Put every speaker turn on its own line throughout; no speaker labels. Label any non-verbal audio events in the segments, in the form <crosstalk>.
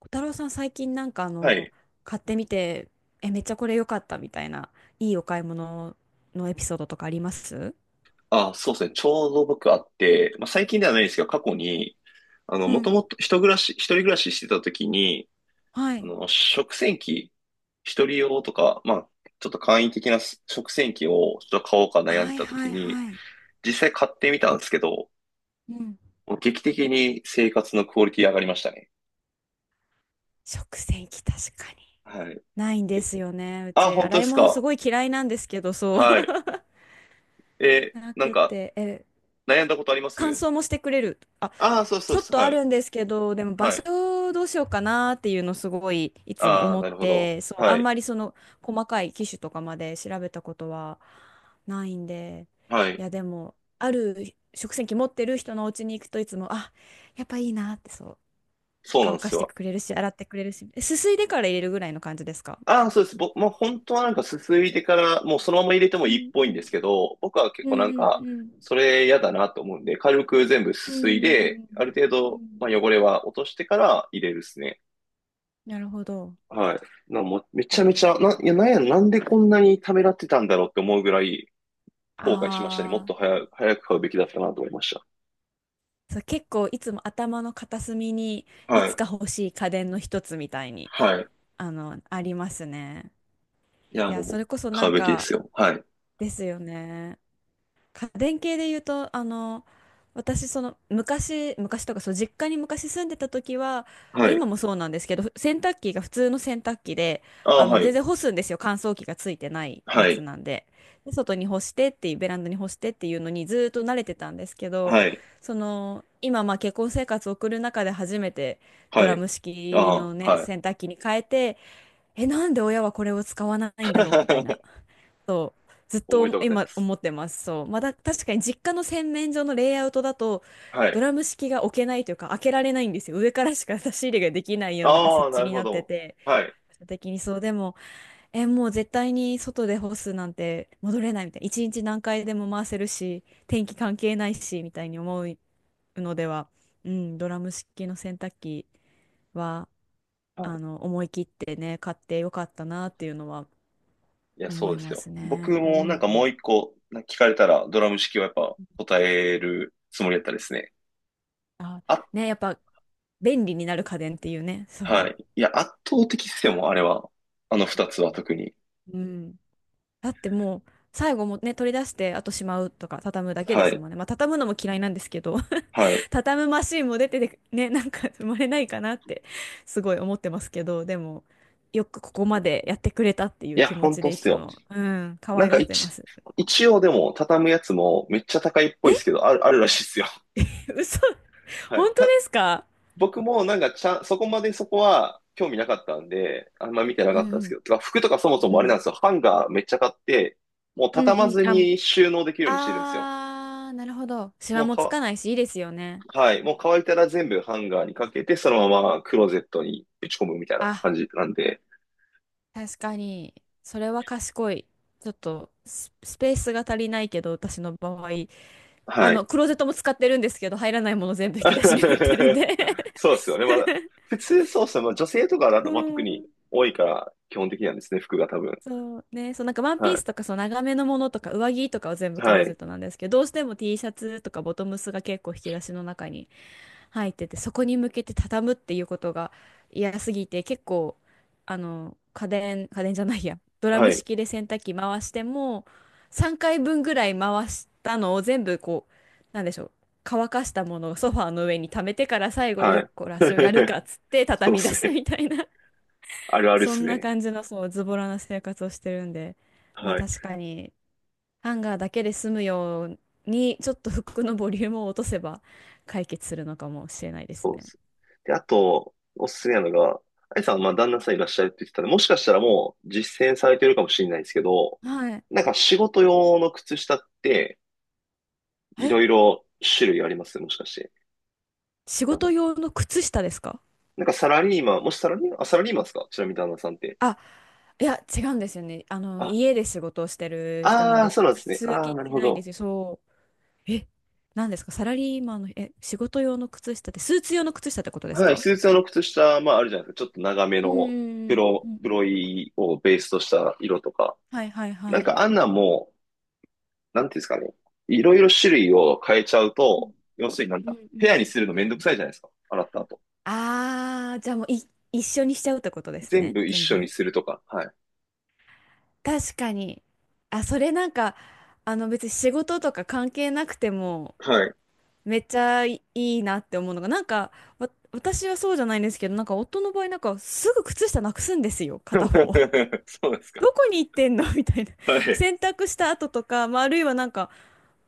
小太郎さん、最近
はい。
買ってみて、めっちゃこれ良かったみたいな、いいお買い物のエピソードとかあります？
あ、そうですね。ちょうど僕あって、まあ、最近ではないですけど、過去に、
う
もと
ん。
もと一人暮らししてた時に、
はい。
食洗機、一人用とか、まあ、ちょっと簡易的な食洗機をちょっと買おうか悩ん
は
で
い
た
は
時
い
に、
はい。
実際買ってみたんですけど、
うん。
もう劇的に生活のクオリティ上がりましたね。
食洗機確かに。
はい。
ないんで
け
すよね。う
あ、
ち、
本当
洗
で
い
す
物す
か。
ごい嫌いなんですけど、そう。
はい。
<laughs> な
なん
く
か、
て、
悩んだことありま
乾
す？
燥もしてくれる。あ、
ああー、そうそ
ち
う
ょっ
そう。
とあ
はい。
るんですけど、でも場
はい。
所どうしようかなっていうのすごいいつも
ああ、
思
な
っ
るほど。
て、そう、
は
あん
い。
まりその細かい機種とかまで調べたことはないんで、
は
い
い。
やでも、ある食洗機持ってる人のお家に行くといつも、あ、やっぱいいなって、そう、
そうな
乾
んで
か
す
して
よ。
くれるし、洗ってくれるし、すすいでから入れるぐらいの感じですか？
ああ、そうです。僕、まあ、本当はなんかすすいでから、もうそのまま入れても
う
いいっ
んう
ぽいんで
ん
すけど、僕は結
う
構なん
んう
か、
ん
それ嫌だなと思うんで、軽く全部す
う
すいで、
ん
ある程
うんう
度、まあ、
ん、
汚れは落としてから入れるですね。
なるほど。
はい。もう、め
で
ちゃめ
も、
ちゃ、な、いや、なんや、なんでこんなにためらってたんだろうって思うぐらい後悔しましたね。もっ
あ
と
あ。
早く買うべきだったなと思いまし
そう、結構いつも頭の片隅に
た。
い
は
つ
い。
か欲しい家電の一つみたいに、
はい。
あの、ありますね。
いや、
いや、そ
も
れ
う、
こそ
買
な
う
ん
べきで
か
すよ。はい。
ですよね。家電系で言うと、あの、私、その、昔とか、そう、実家に昔住んでた時は、
は
まあ、
い。
今もそうなんですけど、洗濯機が普通の洗濯機で、
あ
あ
あ、
の、
は
全
い。
然干すんですよ。乾燥機がついてないや
は
つ
い。
なんで。で、外に干してっていう、ベランダに干してっていうのにずーっと慣れてたんですけど、
はい。
その、今、まあ、結婚生活を送る中で初めてド
は
ラ
い。
ム式
あ
の
あ、
ね、
はい。
洗濯機に変えて、なんで親はこれを使わないんだろうみたい
<laughs>
な。そうずっ
おめでと
と
うございま
今
す。
思ってます。そう。まだ確かに実家の洗面所のレイアウトだと
は
ド
い。
ラム式が置けないというか開けられないんですよ。上からしか差し入れができないような、なんか
ああ、
設置
なる
に
ほ
なって
ど。
て。
はい。
場所的にそうでも、もう絶対に外で干すなんて戻れないみたいな。一日何回でも回せるし、天気関係ないしみたいに思うのでは、うん、ドラム式の洗濯機は
は
あ
い。
の思い切ってね、買ってよかったなっていうのは
いや、
思
そう
い
です
ま
よ。
す
僕
ね。う
もなんかもう
ん。
一個なんか聞かれたらドラム式はやっぱ答えるつもりだったですね。
あ、
あ、
ね、やっぱ便利になる家電っていうね、
は
そ
い。いや、圧倒的っすよ、もうあれは。あの二つは特に。
う。うん。だってもう、最後もね、取り出して、あとしまうとか、畳むだけで
は
す
い。
もんね。まあ、畳むのも嫌いなんですけど、
はい。
<laughs> 畳むマシンも出てて、ね、なんか生まれないかなって、すごい思ってますけど、でも、よくここまでやってくれたってい
い
う
や、
気持
本
ち
当
で
っ
い
す
つ
よ。
も、うん、可
なん
愛
か
がってます。
一応でも畳むやつもめっちゃ高いっぽいです
え、
けど、あるらしいっすよ。
<laughs> 嘘、
は
本
い。
当ですか？
僕もなんかちゃん、そこまでそこは興味なかったんで、あんま見てな
う
か
ん
ったん
う
ですけ
ん。
ど、てか服とかそもそもあれなんですよ。ハンガーめっちゃ買って、もう
うん
畳ま
うん。
ず
あ、もう。
に収納できるようにしてるんですよ。
あー、なるほど。シワ
もう
もつ
か、
かないし、いいですよね。
はい。もう乾いたら全部ハンガーにかけて、そのままクローゼットにぶち込むみたいな
あ、
感じなんで、
確かに、それは賢い。ちょっとスペースが足りないけど、私の場合、あ
は
の、
い。
クローゼットも使ってるんですけど、入らないもの全部引き出しに入ってるんで
<laughs> そ
<laughs>
うですよね。普通そうっすね。まあ、女性とかだ
う
と、まあ、特に
ん、
多いから基本的なんですね。服が多分。
そうね、そう、なんかワンピース
は
とかそう長めのものとか上着とかは全部
い。
クロ
は
ーゼ
い。
ットなんですけど、どうしても T シャツとかボトムスが結構引き出しの中に入ってて、そこに向けて畳むっていうことが嫌すぎて、結構あの家電じゃないや、ドラ
は
ム
い。
式で洗濯機回しても3回分ぐらい回したのを全部こう、なんでしょう、乾かしたものをソファーの上に溜めてから最後、
は
よっ
い。
こらしをやる
<laughs>
かっつって
そう
畳
っ
み
す
出す
ね。
みたいな、
あるあるっ
そ
す
んな
ね。
感じの、そう、ズボラな生活をしてるんで、まあ
はい。
確かに、ハンガーだけで済むように、ちょっと服のボリュームを落とせば解決するのかもしれないです
そうっ
ね。
す。で、あと、おすすめなのが、あいさん、まあ、旦那さんいらっしゃるって言ってたんで、もしかしたらもう実践されてるかもしれないですけど、
はい。
なんか仕事用の靴下って、いろい
え、
ろ種類あります？もしかして。
仕
旦那
事用の靴下ですか？
なんかサラリーマン、もしサラリーマン、あ、サラリーマンですか？ちなみに旦那さんって。
あ、いや、違うんですよね。あの、
あ、
家で仕事をしてる人なん
ああ、
です。
そうなんですね。
通
あ
勤
あ、なる
し
ほ
ないんで
ど。
すよ。そう。え、なんですか、サラリーマンの、え、仕事用の靴下って、スーツ用の靴下ってことです
はい、
か？
スーツ用の靴下、まああるじゃないですか。ちょっと長め
うんう
の
んうんうんう
黒
ん。
いをベースとした色とか。
はいはい
な
は
ん
い。
かあんなんも、なんていうんですかね。いろいろ種類を変えちゃう
う
と、
ん
要するになん
う
だ、
んう
ペ
ん、
アにするのめんどくさいじゃないですか。洗った後。
ああ、じゃあもうい、一緒にしちゃうってことです
全
ね、
部一
全
緒に
部。
するとか。はい。
確かに。あ、それなんか、あの別に仕事とか関係なくても、
はい。
めっちゃいいなって思うのが、なんか、私はそうじゃないんですけど、なんか夫の場合、なんかすぐ靴下なくすんですよ、片方。
<laughs> そうです
<laughs>
か。
どこに行ってんのみたいな。
はい。
洗濯した後とか、まあ、あるいはなんか、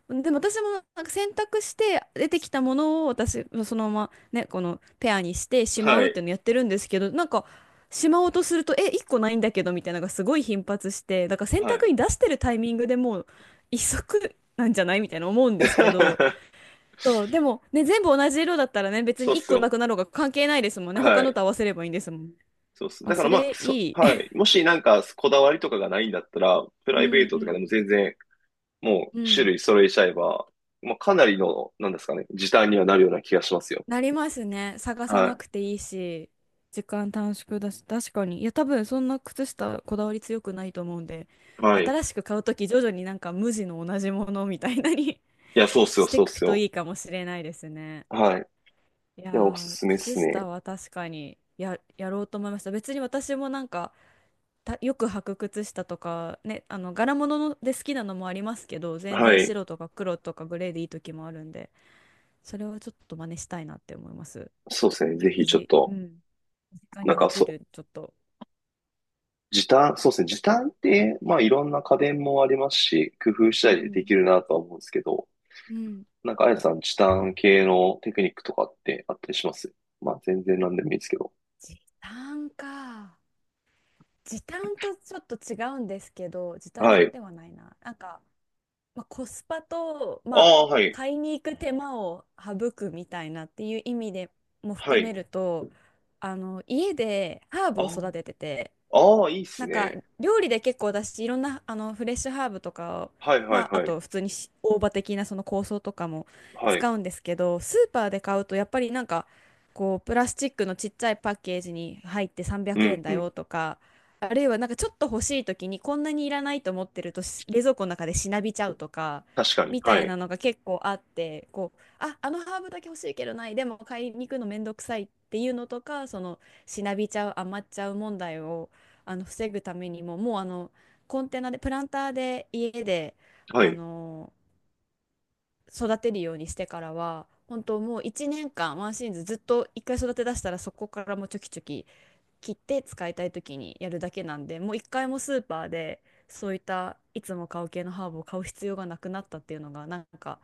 でも私もなんか選択して出てきたものを私そのままねこのペアにしてしま
は
うっ
い。
ていうのやってるんですけど、なんかしまおうとするとえ1個ないんだけどみたいなのがすごい頻発して、だから選
はい。
択に出してるタイミングでもう一足なんじゃないみたいな思うんですけど、
<laughs>
そうでもね全部同じ色だったらね別
そうっ
に1
す
個な
よ。
くなろうが関係ないですもんね、他
は
の
い。
と合わせればいいんですもん。
そうっす。
あ、
だから
そ
まあ、
れいい。
はい。もしなんかこだわりとかがないんだったら、プ
<laughs> う
ラ
んう
イベートとかでも
ん
全然も
う
う種
ん。
類揃えちゃえば、まあ、かなりの、なんですかね、時短にはなるような気がしますよ。
なりますね。探さな
は
くていいし、時間短縮だし、確かに。いや、多分そんな靴下こだわり強くないと思うんで、
い。はい。
新しく買うとき徐々になんか無地の同じものみたいなに
いや、そうっ
<laughs>
すよ、
して
そ
い
うっ
く
す
と
よ。
いいかもしれないですね。
はい。
いや
いや、おす
ー、
すめで
靴
す
下
ね。
は確かにやろうと思いました。別に私もなんか、たよく履く靴下とかね、あの柄物ので好きなのもありますけど、全
は
然
い。
白とか黒とかグレーでいい時もあるんで、それはちょっと真似したいなって思います。
そうですね。ぜひちょっ
水、う
と、
ん。身近
なん
にで
か
き
そう、
る、ちょっと。
時短、そうですね。時短って、まあいろんな家電もありますし、工夫し
う
たりでで
ん。
きるなとは思うんですけど、
うん。
なんかあやさん、時短系のテクニックとかってあったりします？まあ全然なんでもいいですけど。
時短か。時短とちょっと違うんですけど、時短
はい。
ではないな。なんか、まあ、コスパと、
あ
まあ、
あ、はい。
買いに行く手間を省くみたいなっていう意味でも
は
含め
い。
ると、あの、家でハーブ
あ
を育ててて、
あ、ああ、いいっす
なんか
ね。
料理で結構私いろんなあのフレッシュハーブとかを、
はいは
ま
い
あ、あ
はい。
と普通にし大葉的なその香草とかも
はい。
使うんですけど、スーパーで買うとやっぱりなんかこうプラスチックのちっちゃいパッケージに入って300
うん
円
う
だ
ん。
よとか、あるいはなんかちょっと欲しい時にこんなにいらないと思ってるとし冷蔵庫の中でしなびちゃうとか
確かに。
みた
は
い
い。
なのが結構あって、こうあ、あのハーブだけ欲しいけどないでも買いに行くのめんどくさいっていうのとか、そのしなびちゃう余っちゃう問題をあの防ぐためにももうあのコンテナでプランターで家で
は
あ
い。
の育てるようにしてからは本当もう1年間ワンシーズンずっと1回育て出したらそこからもうちょきちょき切って使いたい時にやるだけなんで、もう1回もスーパーでそういったいつも買う系のハーブを買う必要がなくなったっていうのがなんか、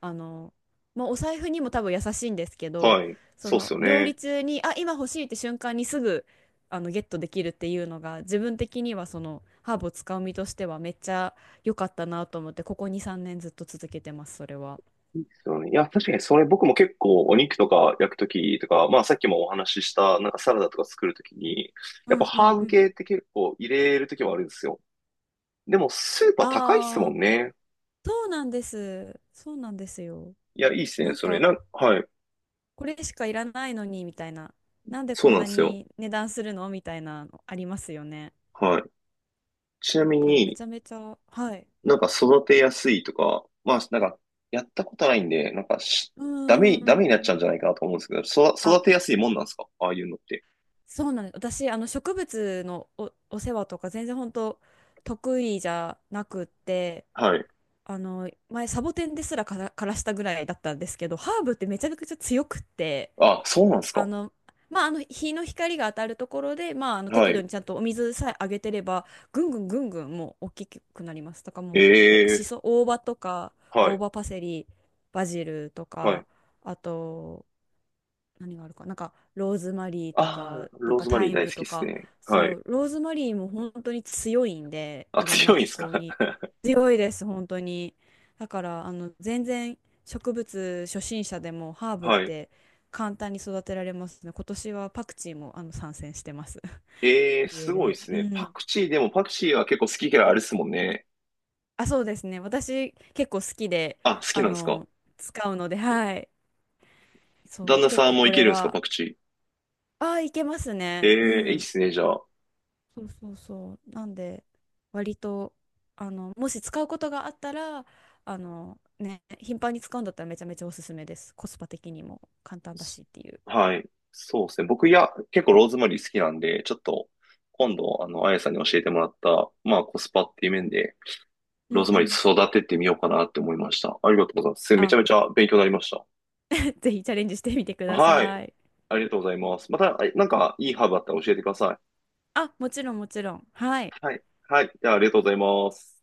あの、まあ、お財布にも多分優しいんですけど、
はい。
そ
そうっす
の
よ
料理
ね。
中にあ今欲しいって瞬間にすぐあのゲットできるっていうのが自分的にはそのハーブを使う身としてはめっちゃ良かったなと思って、ここ2、3年ずっと続けてますそれは。
そうね、いや、確かにそれ僕も結構お肉とか焼くときとか、まあさっきもお話ししたなんかサラダとか作るときに、
う
やっぱ
んうん
ハー
う
ブ
ん。
系って結構入れるときはあるんですよ。でもスーパー高いっすも
ああ、
んね。
そうなんです。そうなんですよ。
いや、いいっすね、
なん
それ。
か、
はい。
これしかいらないのに、みたいな。なんで
そ
こ
う
ん
なん
な
ですよ。
に値段するのみたいなのありますよね。
はい。ちなみ
だからめ
に
ちゃめちゃ、はい。
なんか育てやすいとか、まあなんかやったことないんで、なんか
うー
ダメになっちゃ
ん。
うんじゃないかなと思うんですけど、
あ、
育てやすいもんなんですか？ああいうのって。
そうなんです。私、あの植物のお世話とか全然本当得意じゃなくって、
はい。
あの前サボテンですらから、枯らしたぐらいだったんですけど、ハーブってめちゃくちゃ強くって、
あ、そうなんです
あ
か。
の、まあ、あの日の光が当たるところで、まあ、あの
は
適度
い。
にちゃんとお水さえあげてれば、ぐんぐんぐんぐんもう大きくなります。とかもうお、し
ええ、
そ、大葉とか、
は
大
い。
葉パセリ、バジルと
は
か、
い。
あと、何があるかなんかローズマリーと
あ
か
あ、
なん
ロー
か
ズマ
タ
リー
イ
大
ム
好きで
と
す
か、
ね。は
そ
い。
うローズマリーも本当に強いんで
あ、
いろんな
強いん
気
すか？
候に強いです本当に。だからあの全然植物初心者でもハー
<laughs>
ブっ
はい。
て簡単に育てられますね。今年はパクチーもあの参戦してます。
ええ
<laughs>
ー
家
すごいで
で、
す
う
ね。パ
ん。
クチーでもパクチーは結構好き嫌いあるっすもんね。
あ、そうですね、私結構好きで、
あ、好き
あ
なんですか？
の使うのではい。そ
旦
う
那
結
さん
構
もい
これ
けるんですか？
は
パクチ
あーいけます
ー。
ねう
ええーいいっ
ん。
すね、じゃあ。
そうそうそう。なんで、割と、あの、もし使うことがあったら、あの、ね、頻繁に使うんだったらめちゃめちゃおすすめです。コスパ的にも簡単だ
す
しっていう。
はい。そうですね。僕、いや、結構ローズマリー好きなんで、ちょっと、今度、あの、あやさんに教えてもらった、まあ、コスパっていう面で、
う
ロー
ん
ズ
う
マリ
ん。
ー育ててみようかなって思いました。ありがとうございます。めち
あ、
ゃめちゃ勉強になりました。
<laughs> ぜひチャレンジしてみてくだ
はい。
さい。
ありがとうございます。また、なんか、いいハーブあったら教えてくださ
あ、もちろんもちろん。はい。
い。はい。はい。じゃあ、ありがとうございます。